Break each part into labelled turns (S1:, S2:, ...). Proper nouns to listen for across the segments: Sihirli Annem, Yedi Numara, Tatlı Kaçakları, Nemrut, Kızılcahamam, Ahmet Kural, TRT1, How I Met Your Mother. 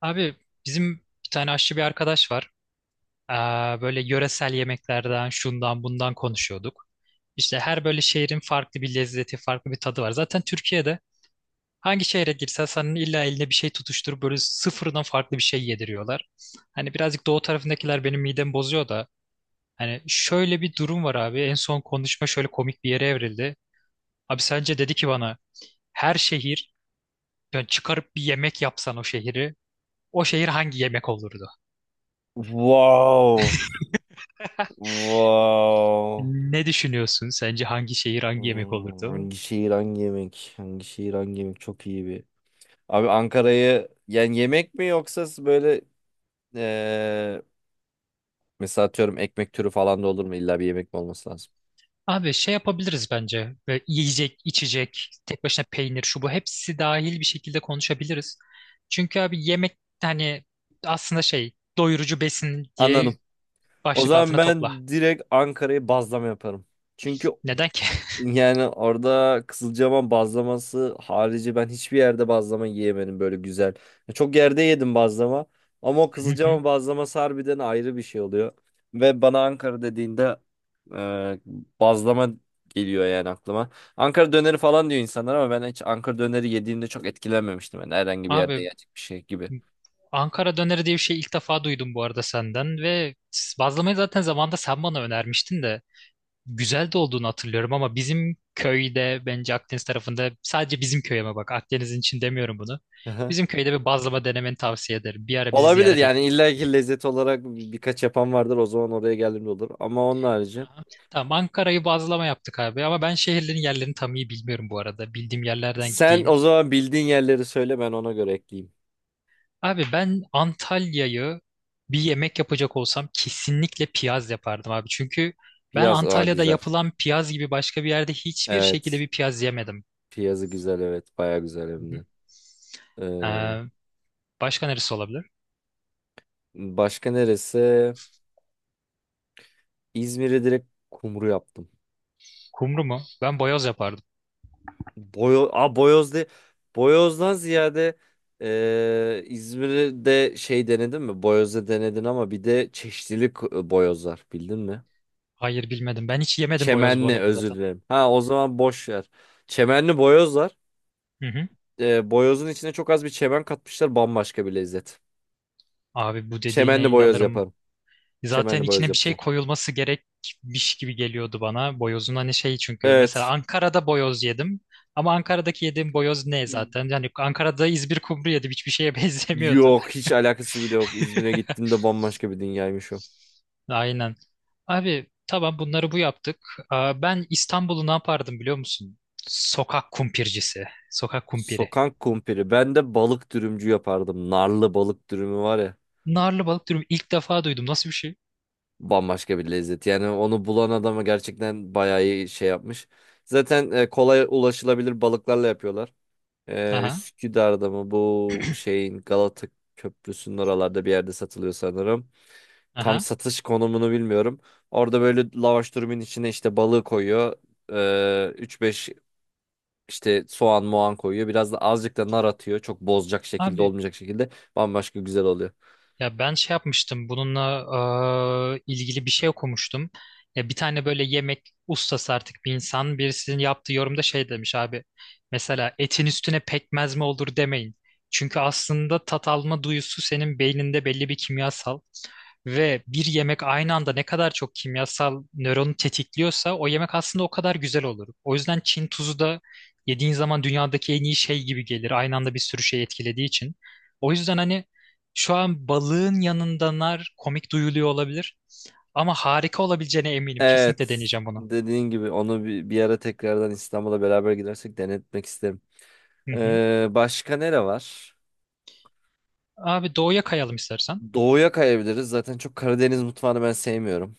S1: Abi bizim bir tane aşçı bir arkadaş var. Böyle yöresel yemeklerden şundan bundan konuşuyorduk. İşte her böyle şehrin farklı bir lezzeti, farklı bir tadı var. Zaten Türkiye'de hangi şehre girsen senin illa eline bir şey tutuşturup böyle sıfırdan farklı bir şey yediriyorlar. Hani birazcık doğu tarafındakiler benim midemi bozuyor da. Hani şöyle bir durum var abi. En son konuşma şöyle komik bir yere evrildi. Abi sence dedi ki bana her şehir yani çıkarıp bir yemek yapsan o şehir hangi yemek olurdu?
S2: Wow. Wow.
S1: Ne düşünüyorsun? Sence hangi şehir hangi yemek
S2: Hmm,
S1: olurdu?
S2: hangi şehir hangi yemek? Hangi şehir hangi yemek? Çok iyi bir. Abi Ankara'yı yani yemek mi yoksa böyle eee mesela atıyorum ekmek türü falan da olur mu? İlla bir yemek mi olması lazım?
S1: Abi şey yapabiliriz bence. Ve yiyecek, içecek, tek başına peynir, şu bu hepsi dahil bir şekilde konuşabiliriz. Çünkü abi yemek hani aslında şey doyurucu besin diye
S2: Anladım. O
S1: başlık
S2: zaman
S1: altına topla.
S2: ben direkt Ankara'yı bazlama yaparım. Çünkü
S1: Neden ki?
S2: yani orada Kızılcahamam bazlaması harici ben hiçbir yerde bazlama yiyemedim böyle güzel. Çok yerde yedim bazlama ama o
S1: Hı hı.
S2: Kızılcahamam bazlaması harbiden ayrı bir şey oluyor. Ve bana Ankara dediğinde e, bazlama geliyor yani aklıma. Ankara döneri falan diyor insanlar ama ben hiç Ankara döneri yediğimde çok etkilenmemiştim. Yani herhangi bir yerde
S1: Abi
S2: yiyecek bir şey gibi.
S1: Ankara döneri diye bir şey ilk defa duydum bu arada senden ve bazlamayı zaten zamanında sen bana önermiştin de. Güzel de olduğunu hatırlıyorum ama bizim köyde bence Akdeniz tarafında sadece bizim köy ama bak Akdeniz'in için demiyorum bunu.
S2: Aha.
S1: Bizim köyde bir bazlama denemeni tavsiye ederim. Bir ara bizi
S2: Olabilir
S1: ziyarete gel.
S2: yani illa ki lezzet olarak birkaç yapan vardır, o zaman oraya geldiğimde olur, ama onun harici.
S1: Aha. Tamam Ankara'yı bazlama yaptık abi ama ben şehirlerin yerlerini tam iyi bilmiyorum bu arada. Bildiğim yerlerden
S2: Sen
S1: gideyim.
S2: o zaman bildiğin yerleri söyle, ben ona göre ekleyeyim.
S1: Abi ben Antalya'yı bir yemek yapacak olsam kesinlikle piyaz yapardım abi. Çünkü ben
S2: Piyaz, aa,
S1: Antalya'da
S2: güzel.
S1: yapılan piyaz gibi başka bir yerde hiçbir şekilde
S2: Evet.
S1: bir piyaz yemedim.
S2: Piyazı güzel, evet. Baya güzel
S1: Hı
S2: hem
S1: hı.
S2: de. Ee,
S1: Ee, Başka neresi olabilir?
S2: başka neresi? İzmir'i direkt kumru yaptım.
S1: Kumru mu? Ben boyoz yapardım.
S2: Aa, Boyoz de. Boyoz'dan ziyade, İzmir'de şey denedin mi? Boyoz'da denedin, ama bir de çeşitlilik boyozlar bildin mi?
S1: Hayır bilmedim. Ben hiç yemedim boyoz bu
S2: Çemenli,
S1: arada
S2: özür
S1: zaten.
S2: dilerim. Ha, o zaman boş ver. Çemenli boyozlar.
S1: Hı hı.
S2: Boyozun içine çok az bir çemen katmışlar, bambaşka bir lezzet.
S1: Abi bu
S2: Çemenli
S1: dediğine
S2: boyoz
S1: inanırım.
S2: yaparım.
S1: Zaten
S2: Çemenli boyoz
S1: içine bir şey
S2: yapacağım.
S1: koyulması gerekmiş gibi geliyordu bana. Boyozun hani şey çünkü. Mesela
S2: Evet.
S1: Ankara'da boyoz yedim. Ama Ankara'daki yediğim boyoz ne
S2: Hmm.
S1: zaten? Yani Ankara'da İzmir kumru yedim. Hiçbir şeye benzemiyordu.
S2: Yok, hiç alakası bile yok. İzmir'e gittiğimde bambaşka bir dünyaymış o.
S1: Aynen. Abi tamam bunları bu yaptık. Ben İstanbul'u ne yapardım biliyor musun? Sokak kumpircisi. Sokak kumpiri.
S2: Sokak kumpiri. Ben de balık dürümcü yapardım. Narlı balık dürümü var ya.
S1: Narlı balık dürüm ilk defa duydum. Nasıl bir şey?
S2: Bambaşka bir lezzet. Yani onu bulan adama gerçekten bayağı iyi şey yapmış. Zaten kolay ulaşılabilir balıklarla yapıyorlar. E,
S1: Aha.
S2: Üsküdar'da mı bu şeyin, Galata Köprüsü'nün oralarda bir yerde satılıyor sanırım. Tam
S1: Aha.
S2: satış konumunu bilmiyorum. Orada böyle lavaş durumun içine işte balığı koyuyor. 3-5 işte soğan moğan koyuyor. Biraz da azıcık da nar atıyor, çok bozacak şekilde
S1: Abi
S2: olmayacak şekilde. Bambaşka güzel oluyor.
S1: ya ben şey yapmıştım bununla ilgili bir şey okumuştum. Ya bir tane böyle yemek ustası artık bir insan birisinin yaptığı yorumda şey demiş abi. Mesela etin üstüne pekmez mi olur demeyin. Çünkü aslında tat alma duyusu senin beyninde belli bir kimyasal ve bir yemek aynı anda ne kadar çok kimyasal nöronu tetikliyorsa o yemek aslında o kadar güzel olur. O yüzden Çin tuzu da yediğin zaman dünyadaki en iyi şey gibi gelir. Aynı anda bir sürü şey etkilediği için. O yüzden hani şu an balığın yanında nar komik duyuluyor olabilir. Ama harika olabileceğine eminim. Kesinlikle
S2: Evet.
S1: deneyeceğim bunu.
S2: Dediğin gibi onu bir ara tekrardan İstanbul'a beraber gidersek denetmek isterim.
S1: Hı hı.
S2: Başka nere var?
S1: Abi doğuya kayalım istersen.
S2: Doğuya kayabiliriz. Zaten çok Karadeniz mutfağını ben sevmiyorum.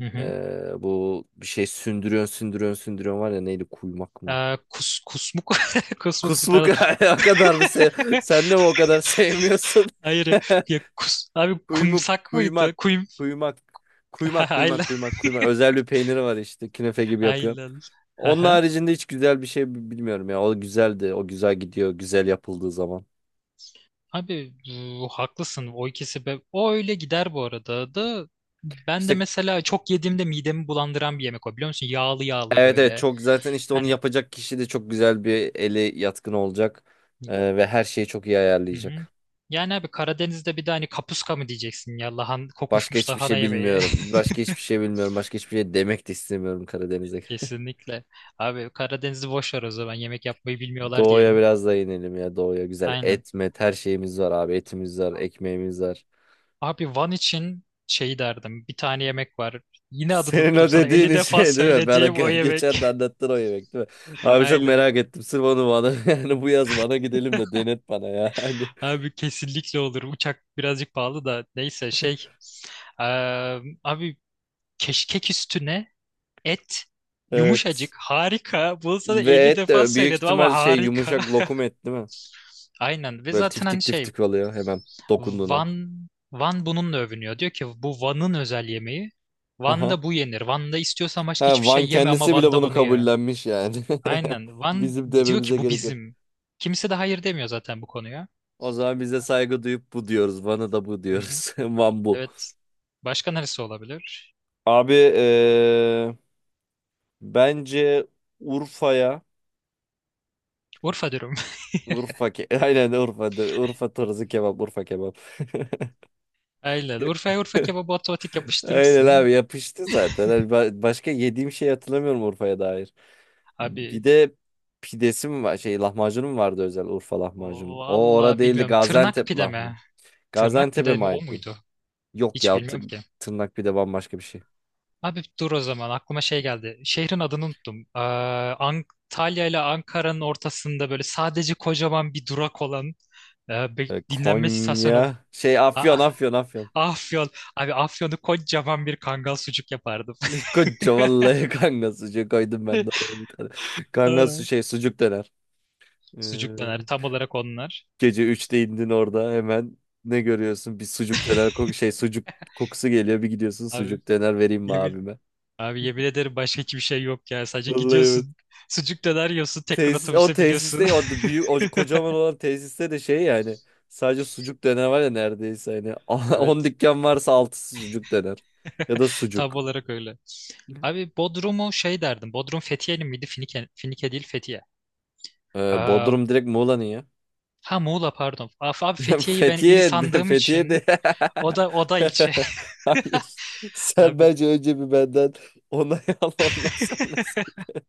S1: Hı hı.
S2: Bu bir şey sündürüyorsun sündürüyorsun sündürüyorsun var ya, neydi, kuymak mı?
S1: Kusmuk. Kusmuk değil,
S2: Kusmuk.
S1: pardon.
S2: O kadar mı sen de mi o kadar sevmiyorsun?
S1: Hayır. Ya, abi
S2: Kuymuk,
S1: kumsak
S2: kuymak,
S1: mıydı? Kuyum.
S2: kuymak, kuymak, kuymak,
S1: Ayla.
S2: kuymak, kuymak. Özel bir peyniri var, işte künefe gibi yapıyor.
S1: Ayla.
S2: Onun
S1: Aha.
S2: haricinde hiç güzel bir şey bilmiyorum ya. O güzeldi. O güzel gidiyor. Güzel yapıldığı zaman.
S1: Abi bu, haklısın. O ikisi be. O öyle gider bu arada da. Ben de
S2: İşte
S1: mesela çok yediğimde midemi bulandıran bir yemek o biliyor musun? Yağlı yağlı
S2: evet, evet,
S1: böyle.
S2: çok zaten, işte onu
S1: Hani.
S2: yapacak kişi de çok güzel bir eli yatkın olacak. Ve her şeyi çok iyi
S1: Hı hı.
S2: ayarlayacak.
S1: Yani abi Karadeniz'de bir de hani kapuska mı diyeceksin ya
S2: Başka
S1: kokuşmuş
S2: hiçbir
S1: lahana
S2: şey
S1: yemeği.
S2: bilmiyorum. Başka hiçbir şey bilmiyorum. Başka hiçbir şey demek de istemiyorum Karadeniz'e.
S1: Kesinlikle. Abi Karadeniz'i boş ver o zaman yemek yapmayı bilmiyorlar
S2: Doğuya
S1: diyelim.
S2: biraz da inelim ya, doğuya güzel,
S1: Aynen.
S2: et met her şeyimiz var abi, etimiz var, ekmeğimiz var.
S1: Abi Van için şey derdim bir tane yemek var. Yine adını
S2: Senin
S1: tuttum
S2: o
S1: sana 50
S2: dediğin
S1: defa
S2: şey değil mi? Ben
S1: söylediğim o
S2: geçen
S1: yemek.
S2: de anlattın o yemek değil mi? Abi çok
S1: Aynen.
S2: merak ettim, sırf onu bana yani bu yaz bana gidelim de denet bana ya. Hani,
S1: Abi kesinlikle olur. Uçak birazcık pahalı da neyse şey. Abi keşkek üstüne et
S2: evet.
S1: yumuşacık harika. Bunu sana
S2: Ve
S1: 50
S2: et
S1: defa
S2: de büyük
S1: söyledim ama
S2: ihtimal şey,
S1: harika.
S2: yumuşak lokum et değil mi?
S1: Aynen ve
S2: Böyle
S1: zaten hani
S2: tiftik
S1: şey
S2: tiftik oluyor hemen dokunduğun an.
S1: Van Van bununla övünüyor. Diyor ki bu Van'ın özel yemeği.
S2: Aha.
S1: Van'da bu yenir. Van'da istiyorsan başka
S2: Ha,
S1: hiçbir şey
S2: Van
S1: yeme ama
S2: kendisi bile
S1: Van'da
S2: bunu
S1: bunu ye.
S2: kabullenmiş yani.
S1: Aynen. Van
S2: Bizim
S1: diyor ki
S2: dememize
S1: bu
S2: gerek yok.
S1: bizim. Kimse de hayır demiyor zaten bu konuya.
S2: O zaman bize saygı duyup bu diyoruz. Bana da bu
S1: Hı hı.
S2: diyoruz. Van bu.
S1: Evet. Başka neresi olabilir?
S2: Abi bence Urfa'ya,
S1: Urfa dürüm.
S2: Urfa ke aynen Urfa'dır. Urfa tarzı kebap, Urfa kebap.
S1: Aynen. Urfa'ya Urfa kebabı otomatik
S2: Aynen
S1: yapıştırırsın.
S2: abi, yapıştı zaten. Hani başka yediğim şey hatırlamıyorum Urfa'ya dair. Bir
S1: Abi
S2: de pidesi mi var? Şey, lahmacunu mu vardı, özel Urfa lahmacun? O ora
S1: vallahi
S2: değildi,
S1: bilmiyorum. Tırnak
S2: Gaziantep
S1: pide
S2: lahmı.
S1: mi? Tırnak
S2: Gaziantep'e
S1: pide
S2: mi
S1: mi o
S2: ait bir?
S1: muydu?
S2: Yok
S1: Hiç
S2: ya,
S1: bilmiyorum ki.
S2: tırnak pide bambaşka bir şey.
S1: Abi dur o zaman aklıma şey geldi. Şehrin adını unuttum. Antalya ile Ankara'nın ortasında böyle sadece kocaman bir durak olan bir
S2: E,
S1: dinlenme istasyonu.
S2: Konya. Şey, Afyon,
S1: Aa,
S2: Afyon, Afyon.
S1: Afyon. Abi Afyon'u kocaman bir kangal sucuk yapardım.
S2: Koca vallahi kanka sucuk koydum ben de oraya bir tane. Kanka
S1: Aa,
S2: şey sucuk döner.
S1: Sucuk
S2: Ee,
S1: döner. Tam olarak onlar.
S2: gece 3'te indin orada hemen ne görüyorsun? Bir sucuk döner, sucuk kokusu geliyor, bir gidiyorsun,
S1: Abi
S2: sucuk döner vereyim mi
S1: yemin,
S2: abime?
S1: abi yemin ederim başka hiçbir şey yok ya. Sadece
S2: Vallahi evet.
S1: gidiyorsun. Sucuk döner yiyorsun. Tekrar
S2: Tesis, o
S1: otobüse biliyorsun.
S2: tesiste, büyük o kocaman olan tesiste de şey yani sadece sucuk döner var ya neredeyse, hani 10
S1: Evet.
S2: dükkan varsa 6'sı sucuk döner ya da
S1: Tam
S2: sucuk.
S1: olarak öyle. Abi Bodrum'u şey derdim. Bodrum Fethiye'li miydi? Finike, Finike değil Fethiye.
S2: Ee,
S1: Aa,
S2: Bodrum direkt Muğla'nın ya.
S1: ha, Muğla pardon. Abi Fethiye'yi ben il
S2: Fethiye de,
S1: sandığım için o da ilçe.
S2: hayır. Sen
S1: Abi
S2: bence önce bir benden onay al, ondan sonra söyle.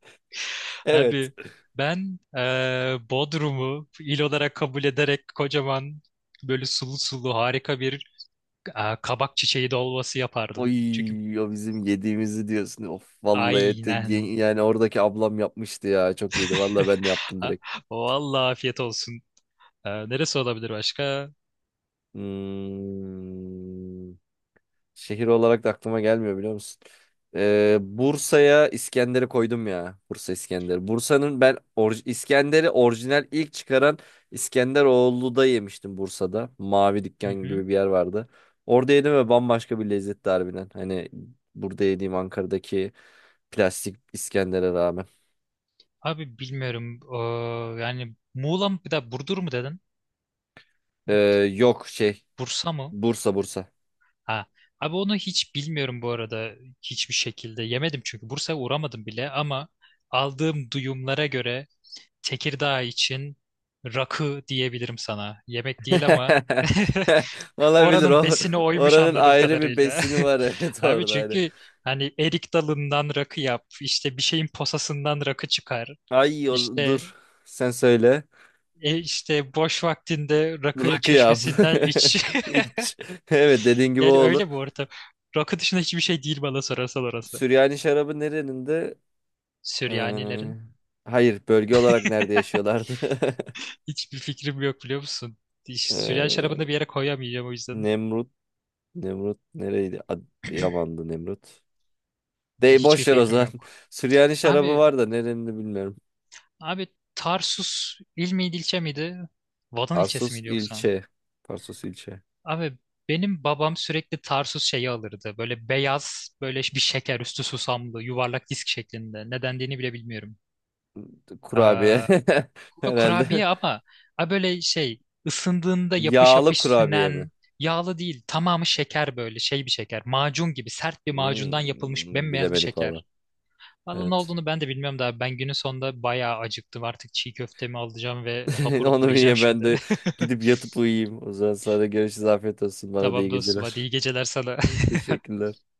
S2: Evet.
S1: abi ben Bodrum'u il olarak kabul ederek kocaman böyle sulu sulu harika bir kabak çiçeği dolması yapardım. Çünkü
S2: Oy, o bizim yediğimizi diyorsun. Of vallahi,
S1: aynen.
S2: yani oradaki ablam yapmıştı ya. Çok iyiydi. Vallahi ben de yaptım
S1: Ha,
S2: direkt.
S1: vallahi afiyet olsun. Neresi olabilir başka?
S2: Hmm. Şehir olarak da aklıma gelmiyor, biliyor musun? Bursa'ya İskender'i koydum ya. Bursa İskender. Bursa'nın ben İskender'i orijinal ilk çıkaran İskenderoğlu'da yemiştim, Bursa'da. Mavi
S1: Hı
S2: dükkan
S1: hı.
S2: gibi bir yer vardı. Orada yedim ve bambaşka bir lezzetti harbiden. Hani burada yediğim Ankara'daki plastik İskender'e rağmen.
S1: Abi bilmiyorum. Yani Muğla mı bir de Burdur mu dedin?
S2: Ee, yok şey,
S1: Bursa mı?
S2: Bursa, Bursa.
S1: Ha. Abi onu hiç bilmiyorum bu arada hiçbir şekilde. Yemedim çünkü Bursa'ya uğramadım bile ama aldığım duyumlara göre Tekirdağ için rakı diyebilirim sana. Yemek değil ama.
S2: Olabilir
S1: Oranın
S2: o.
S1: besini oymuş
S2: Oranın
S1: anladığım
S2: ayrı bir
S1: kadarıyla.
S2: besini var, evet
S1: Abi
S2: orada.
S1: çünkü hani erik dalından rakı yap, işte bir şeyin posasından rakı çıkar.
S2: Ay,
S1: İşte
S2: dur sen söyle.
S1: işte boş vaktinde rakı
S2: Rakı yap.
S1: çeşmesinden iç.
S2: İç. Evet, dediğin gibi o
S1: Yani
S2: olur.
S1: öyle bu ortam. Rakı dışında hiçbir şey değil bana sorarsan orası.
S2: Süryani şarabı nerenin de?
S1: Süryanilerin.
S2: Ee, hayır, bölge olarak nerede yaşıyorlardı?
S1: Hiçbir fikrim yok biliyor musun? Süryani
S2: Ee,
S1: şarabını da bir yere koyamayacağım o yüzden.
S2: Nemrut. Nemrut nereydi? Yaman'dı Nemrut. Dey
S1: Hiçbir
S2: boş ver o
S1: fikrim
S2: zaman.
S1: yok.
S2: Süryani şarabı
S1: Abi,
S2: var da nerenin de bilmiyorum.
S1: abi Tarsus il miydi ilçe miydi? Vatan ilçesi
S2: Tarsus
S1: miydi yoksa?
S2: ilçe. Tarsus ilçe.
S1: Abi benim babam sürekli Tarsus şeyi alırdı. Böyle beyaz, böyle bir şeker üstü susamlı, yuvarlak disk şeklinde. Ne dendiğini bile bilmiyorum.
S2: Kurabiye.
S1: Ee,
S2: Herhalde.
S1: Kurabiye ama ha böyle şey ısındığında yapış
S2: Yağlı
S1: yapış
S2: kurabiye mi?
S1: sünen, yağlı değil. Tamamı şeker böyle şey bir şeker. Macun gibi sert bir macundan
S2: Hmm,
S1: yapılmış bembeyaz bir
S2: bilemedik valla.
S1: şeker. Vallahi ne
S2: Evet.
S1: olduğunu ben de bilmiyorum da ben günün sonunda bayağı acıktım. Artık çiğ köftemi alacağım ve hapur
S2: Onu
S1: hapur
S2: bir
S1: yiyeceğim
S2: ye, ben
S1: şimdi.
S2: de gidip yatıp uyuyayım. O zaman sana görüşürüz. Afiyet olsun. Bana da
S1: Tamam
S2: iyi
S1: dostum hadi
S2: geceler.
S1: iyi geceler sana.
S2: Teşekkürler.